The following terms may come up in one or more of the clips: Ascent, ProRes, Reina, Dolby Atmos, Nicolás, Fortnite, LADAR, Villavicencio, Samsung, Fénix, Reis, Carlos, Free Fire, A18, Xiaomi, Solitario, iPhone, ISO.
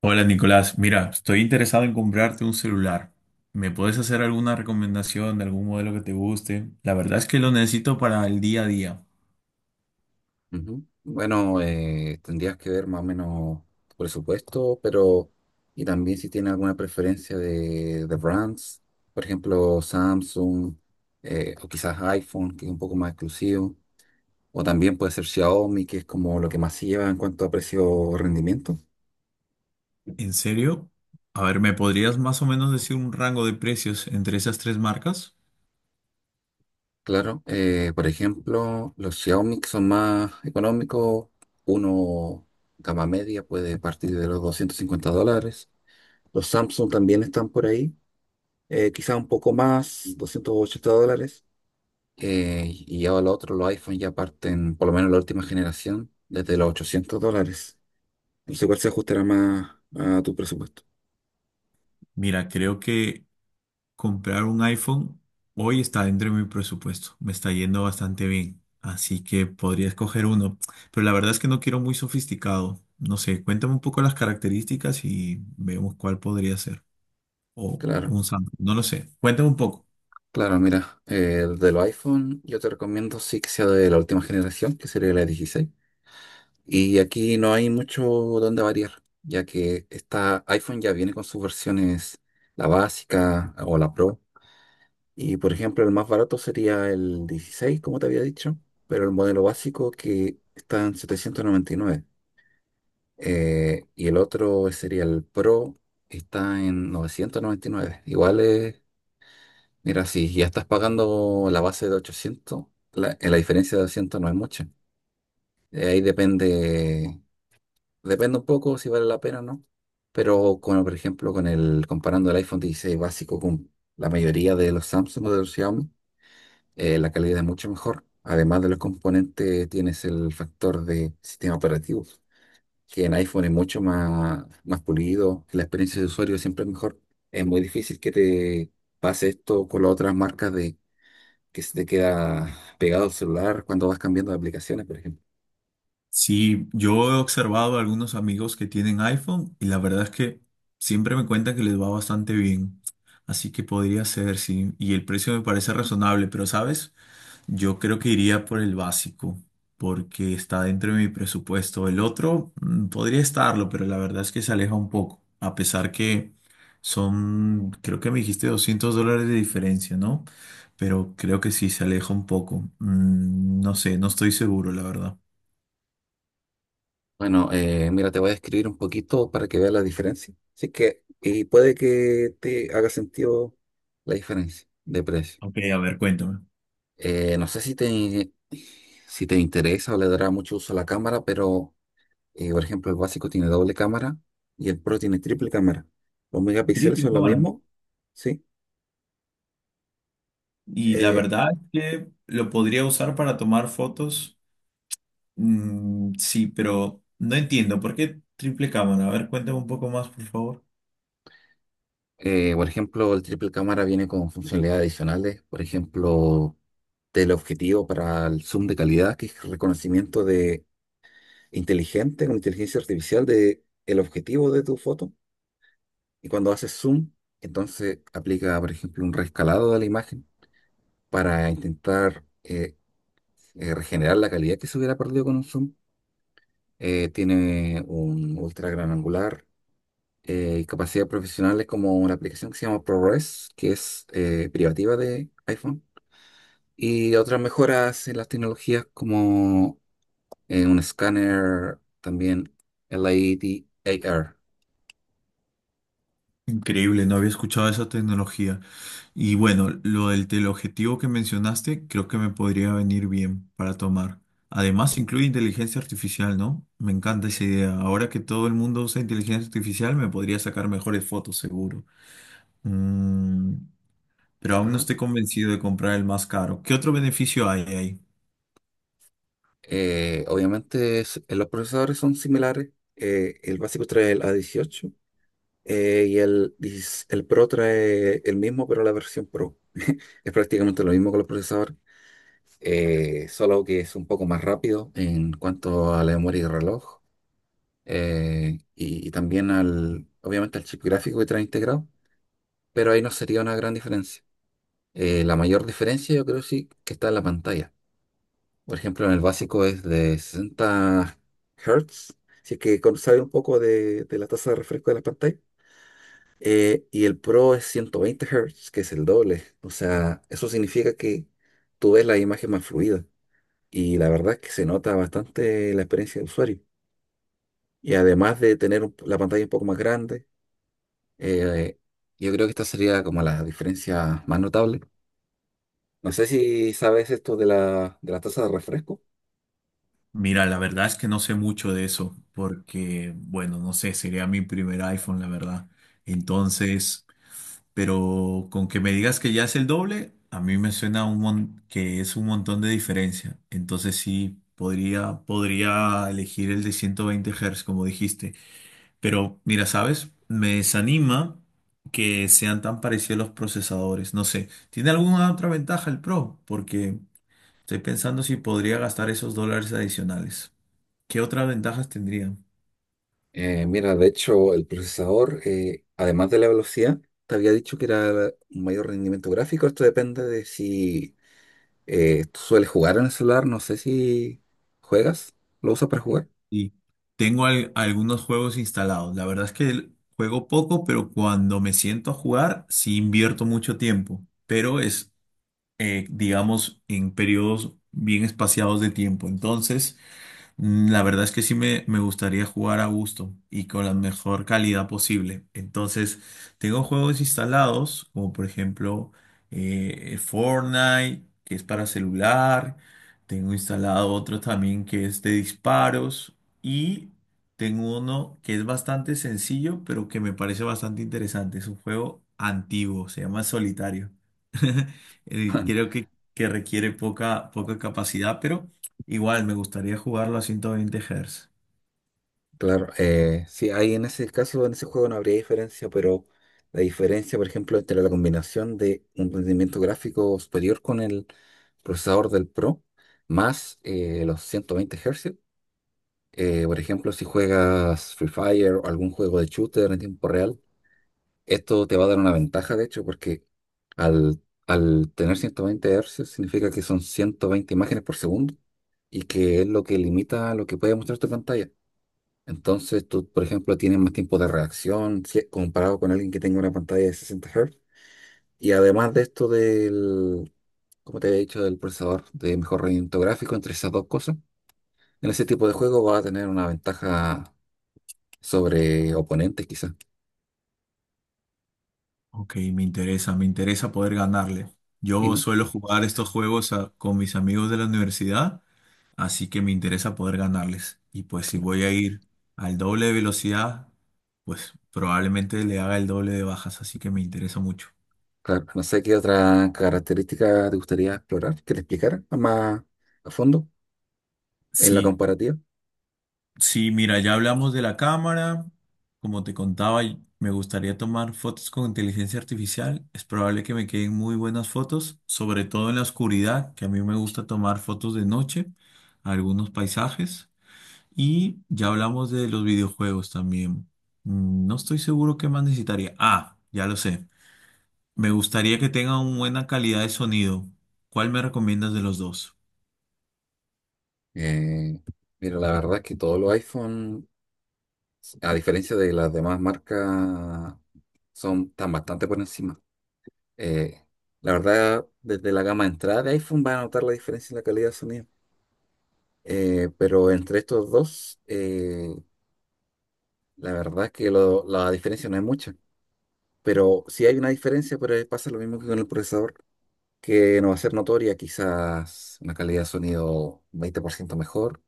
Hola Nicolás, mira, estoy interesado en comprarte un celular. ¿Me puedes hacer alguna recomendación de algún modelo que te guste? La verdad es que lo necesito para el día a día. Ujú. Bueno, tendrías que ver más o menos tu presupuesto, pero y también si tiene alguna preferencia de brands, por ejemplo, Samsung o quizás iPhone, que es un poco más exclusivo. O también puede ser Xiaomi, que es como lo que más se lleva en cuanto a precio-rendimiento. ¿En serio? A ver, ¿me podrías más o menos decir un rango de precios entre esas tres marcas? Claro, por ejemplo, los Xiaomi que son más económicos. Uno gama media puede partir de los $250. Los Samsung también están por ahí, quizá un poco más, $280. Y ya lo otro, los iPhone ya parten, por lo menos la última generación, desde los $800. No sé cuál se ajustará más a tu presupuesto. Mira, creo que comprar un iPhone hoy está dentro de mi presupuesto. Me está yendo bastante bien. Así que podría escoger uno. Pero la verdad es que no quiero muy sofisticado. No sé, cuéntame un poco las características y vemos cuál podría ser. O Claro. un Samsung, no lo sé. Cuéntame un poco. Claro, mira, de los iPhone yo te recomiendo sí que sea de la última generación, que sería la 16. Y aquí no hay mucho donde variar, ya que esta iPhone ya viene con sus versiones, la básica o la Pro. Y por ejemplo, el más barato sería el 16, como te había dicho, pero el modelo básico que está en 799. Y el otro sería el Pro, está en 999. Igual es Mira, si ya estás pagando la base de 800, la diferencia de 200 no es mucha. Ahí depende, un poco si vale la pena o no. Pero como por ejemplo, comparando el iPhone 16 básico con la mayoría de los Samsung o de los Xiaomi, la calidad es mucho mejor. Además de los componentes, tienes el factor de sistema operativo, que en iPhone es mucho más pulido, la experiencia de usuario siempre es mejor. Es muy difícil que te pase esto con las otras marcas, de que se te queda pegado el celular cuando vas cambiando de aplicaciones, por ejemplo. Si yo he observado a algunos amigos que tienen iPhone y la verdad es que siempre me cuentan que les va bastante bien. Así que podría ser, sí. Y el precio me parece razonable, pero ¿sabes? Yo creo que iría por el básico, porque está dentro de mi presupuesto. El otro podría estarlo, pero la verdad es que se aleja un poco, a pesar que son, creo que me dijiste $200 de diferencia, ¿no? Pero creo que sí, se aleja un poco. No sé, no estoy seguro, la verdad. Bueno, mira, te voy a escribir un poquito para que veas la diferencia. Así que, y puede que te haga sentido la diferencia de precio. Ok, a ver, cuéntame. No sé si te interesa o le dará mucho uso a la cámara, pero, por ejemplo, el básico tiene doble cámara y el Pro tiene triple cámara. Los Trip megapíxeles y son lo cámara. mismo, ¿sí? Y la Eh, verdad es que lo podría usar para tomar fotos. Sí, pero no entiendo. ¿Por qué triple cámara? A ver, cuéntame un poco más, por favor. Por ejemplo, el triple cámara viene con funcionalidades adicionales, por ejemplo, teleobjetivo para el zoom de calidad, que es reconocimiento de inteligente, con inteligencia artificial de el objetivo de tu foto. Y cuando haces zoom, entonces aplica, por ejemplo, un reescalado de la imagen para intentar regenerar la calidad que se hubiera perdido con un zoom. Tiene un ultra gran angular, y capacidades profesionales como una aplicación que se llama ProRes, que es privativa de iPhone. Y otras mejoras en las tecnologías como un escáner también LADAR. Increíble, no había escuchado esa tecnología. Y bueno, lo del teleobjetivo que mencionaste, creo que me podría venir bien para tomar. Además, incluye inteligencia artificial, ¿no? Me encanta esa idea. Ahora que todo el mundo usa inteligencia artificial, me podría sacar mejores fotos, seguro. Mm, pero aún no Ajá. estoy convencido de comprar el más caro. ¿Qué otro beneficio hay ahí? Obviamente los procesadores son similares, el básico trae el A18, y el, 16 el Pro trae el mismo, pero la versión Pro. Es prácticamente lo mismo con los procesadores, solo que es un poco más rápido en cuanto a la memoria y reloj. Y también, obviamente al chip gráfico que trae integrado. Pero ahí no sería una gran diferencia. La mayor diferencia yo creo sí que está en la pantalla. Por ejemplo, en el básico es de 60 Hz, si es que sabe un poco de la tasa de refresco de la pantalla. Y el Pro es 120 Hz, que es el doble. O sea, eso significa que tú ves la imagen más fluida. Y la verdad es que se nota bastante la experiencia del usuario. Y además de tener la pantalla un poco más grande, eh, yo creo que esta sería como la diferencia más notable. No sé si sabes esto de la tasa de refresco. Mira, la verdad es que no sé mucho de eso, porque, bueno, no sé, sería mi primer iPhone, la verdad. Entonces, pero con que me digas que ya es el doble, a mí me suena que es un montón de diferencia. Entonces sí, podría elegir el de 120 Hz, como dijiste. Pero mira, ¿sabes? Me desanima que sean tan parecidos los procesadores. No sé, ¿tiene alguna otra ventaja el Pro? Porque estoy pensando si podría gastar esos dólares adicionales. ¿Qué otras ventajas tendría? Mira, de hecho, el procesador, además de la velocidad, te había dicho que era un mayor rendimiento gráfico. Esto depende de si tú sueles jugar en el celular. No sé si juegas, lo usas para jugar. Y tengo algunos juegos instalados. La verdad es que juego poco, pero cuando me siento a jugar, sí invierto mucho tiempo. Pero es, digamos, en periodos bien espaciados de tiempo. Entonces. La verdad es que sí me gustaría jugar a gusto y con la mejor calidad posible. Entonces, tengo juegos instalados, como por ejemplo Fortnite, que es para celular. Tengo instalado otro también que es de disparos. Y tengo uno que es bastante sencillo, pero que me parece bastante interesante. Es un juego antiguo, se llama Solitario. Creo que requiere poca, poca capacidad, pero. Igual, me gustaría jugarlo a 120 Hz. Claro, sí, ahí en ese caso, en ese juego no habría diferencia, pero la diferencia, por ejemplo, entre la combinación de un rendimiento gráfico superior con el procesador del Pro más los 120 Hz. Por ejemplo, si juegas Free Fire o algún juego de shooter en tiempo real, esto te va a dar una ventaja, de hecho, porque al, al tener 120 Hz significa que son 120 imágenes por segundo y que es lo que limita lo que puede mostrar tu pantalla. Entonces, tú, por ejemplo, tienes más tiempo de reacción, comparado con alguien que tenga una pantalla de 60 Hz. Y además de esto del, como te había dicho, del procesador de mejor rendimiento gráfico, entre esas dos cosas, en ese tipo de juego va a tener una ventaja sobre oponentes quizás. Ok, me interesa poder ganarle. Y Yo no, suelo jugar estos juegos con mis amigos de la universidad, así que me interesa poder ganarles. Y pues si voy a ir al doble de velocidad, pues probablemente le haga el doble de bajas, así que me interesa mucho. claro, no sé qué otra característica te gustaría explorar, que te explicara más a fondo en la Sí, comparativa. sí, mira, ya hablamos de la cámara. Como te contaba, me gustaría tomar fotos con inteligencia artificial. Es probable que me queden muy buenas fotos, sobre todo en la oscuridad, que a mí me gusta tomar fotos de noche, algunos paisajes. Y ya hablamos de los videojuegos también. No estoy seguro qué más necesitaría. Ah, ya lo sé. Me gustaría que tenga una buena calidad de sonido. ¿Cuál me recomiendas de los dos? Eh, Mira, la verdad es que todos los iPhone, a diferencia de las demás marcas, son tan bastante por encima. Eh, la verdad, desde la gama de entrada de iPhone va a notar la diferencia en la calidad de sonido. Pero entre estos dos, la verdad es que la diferencia no es mucha. Pero sí hay una diferencia, pero pasa lo mismo que con el procesador, que no va a ser notoria, quizás una calidad de sonido 20% mejor,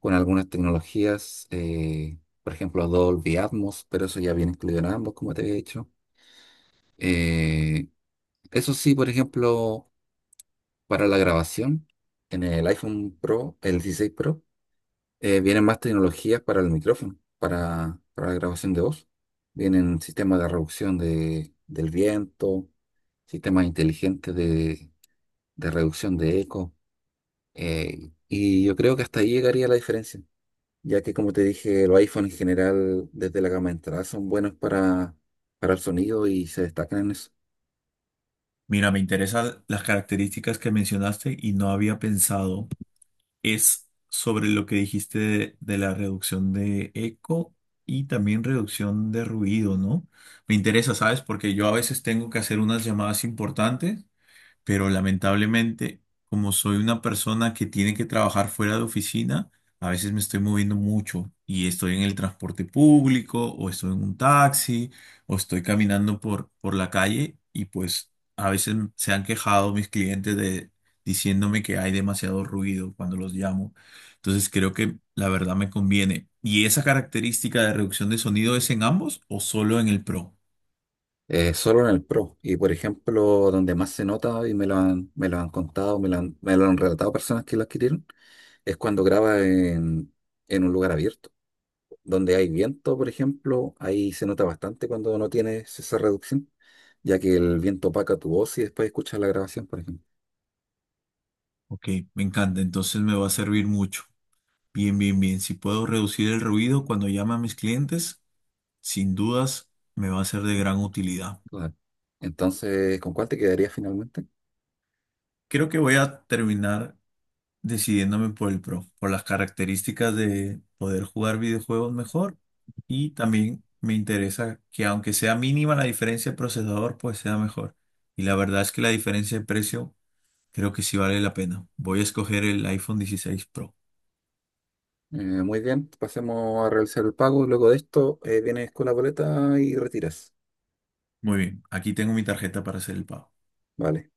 con algunas tecnologías, por ejemplo Dolby Atmos, pero eso ya viene incluido en ambos, como te he dicho. Eh, Eso sí, por ejemplo, para la grabación, en el iPhone Pro, el 16 Pro, vienen más tecnologías para el micrófono, para la grabación de voz. Vienen sistemas de reducción del viento, sistemas inteligentes de reducción de eco. Y yo creo que hasta ahí llegaría la diferencia, ya que como te dije, los iPhones en general desde la gama de entrada son buenos para el sonido y se destacan en eso. Mira, me interesan las características que mencionaste y no había pensado. Es sobre lo que dijiste de la reducción de eco y también reducción de ruido, ¿no? Me interesa, ¿sabes? Porque yo a veces tengo que hacer unas llamadas importantes, pero lamentablemente, como soy una persona que tiene que trabajar fuera de oficina, a veces me estoy moviendo mucho y estoy en el transporte público o estoy en un taxi o estoy caminando por la calle y pues a veces se han quejado mis clientes de diciéndome que hay demasiado ruido cuando los llamo. Entonces creo que la verdad me conviene. ¿Y esa característica de reducción de sonido es en ambos o solo en el Pro? Solo en el Pro. Y por ejemplo, donde más se nota, y me lo han contado, me lo han relatado personas que lo adquirieron, es cuando graba en un lugar abierto, donde hay viento, por ejemplo, ahí se nota bastante cuando no tienes esa reducción, ya que el viento opaca tu voz y después escuchas la grabación, por ejemplo. Ok, me encanta, entonces me va a servir mucho. Bien, bien, bien. Si puedo reducir el ruido cuando llame a mis clientes, sin dudas me va a ser de gran utilidad. Claro. Entonces, ¿con cuál te quedarías finalmente? Creo que voy a terminar decidiéndome por el Pro, por las características de poder jugar videojuegos mejor y también me interesa que aunque sea mínima la diferencia de procesador, pues sea mejor. Y la verdad es que la diferencia de precio creo que sí vale la pena. Voy a escoger el iPhone 16 Pro. Eh, Muy bien, pasemos a realizar el pago. Luego de esto, vienes con la boleta y retiras. Muy bien, aquí tengo mi tarjeta para hacer el pago. Vale.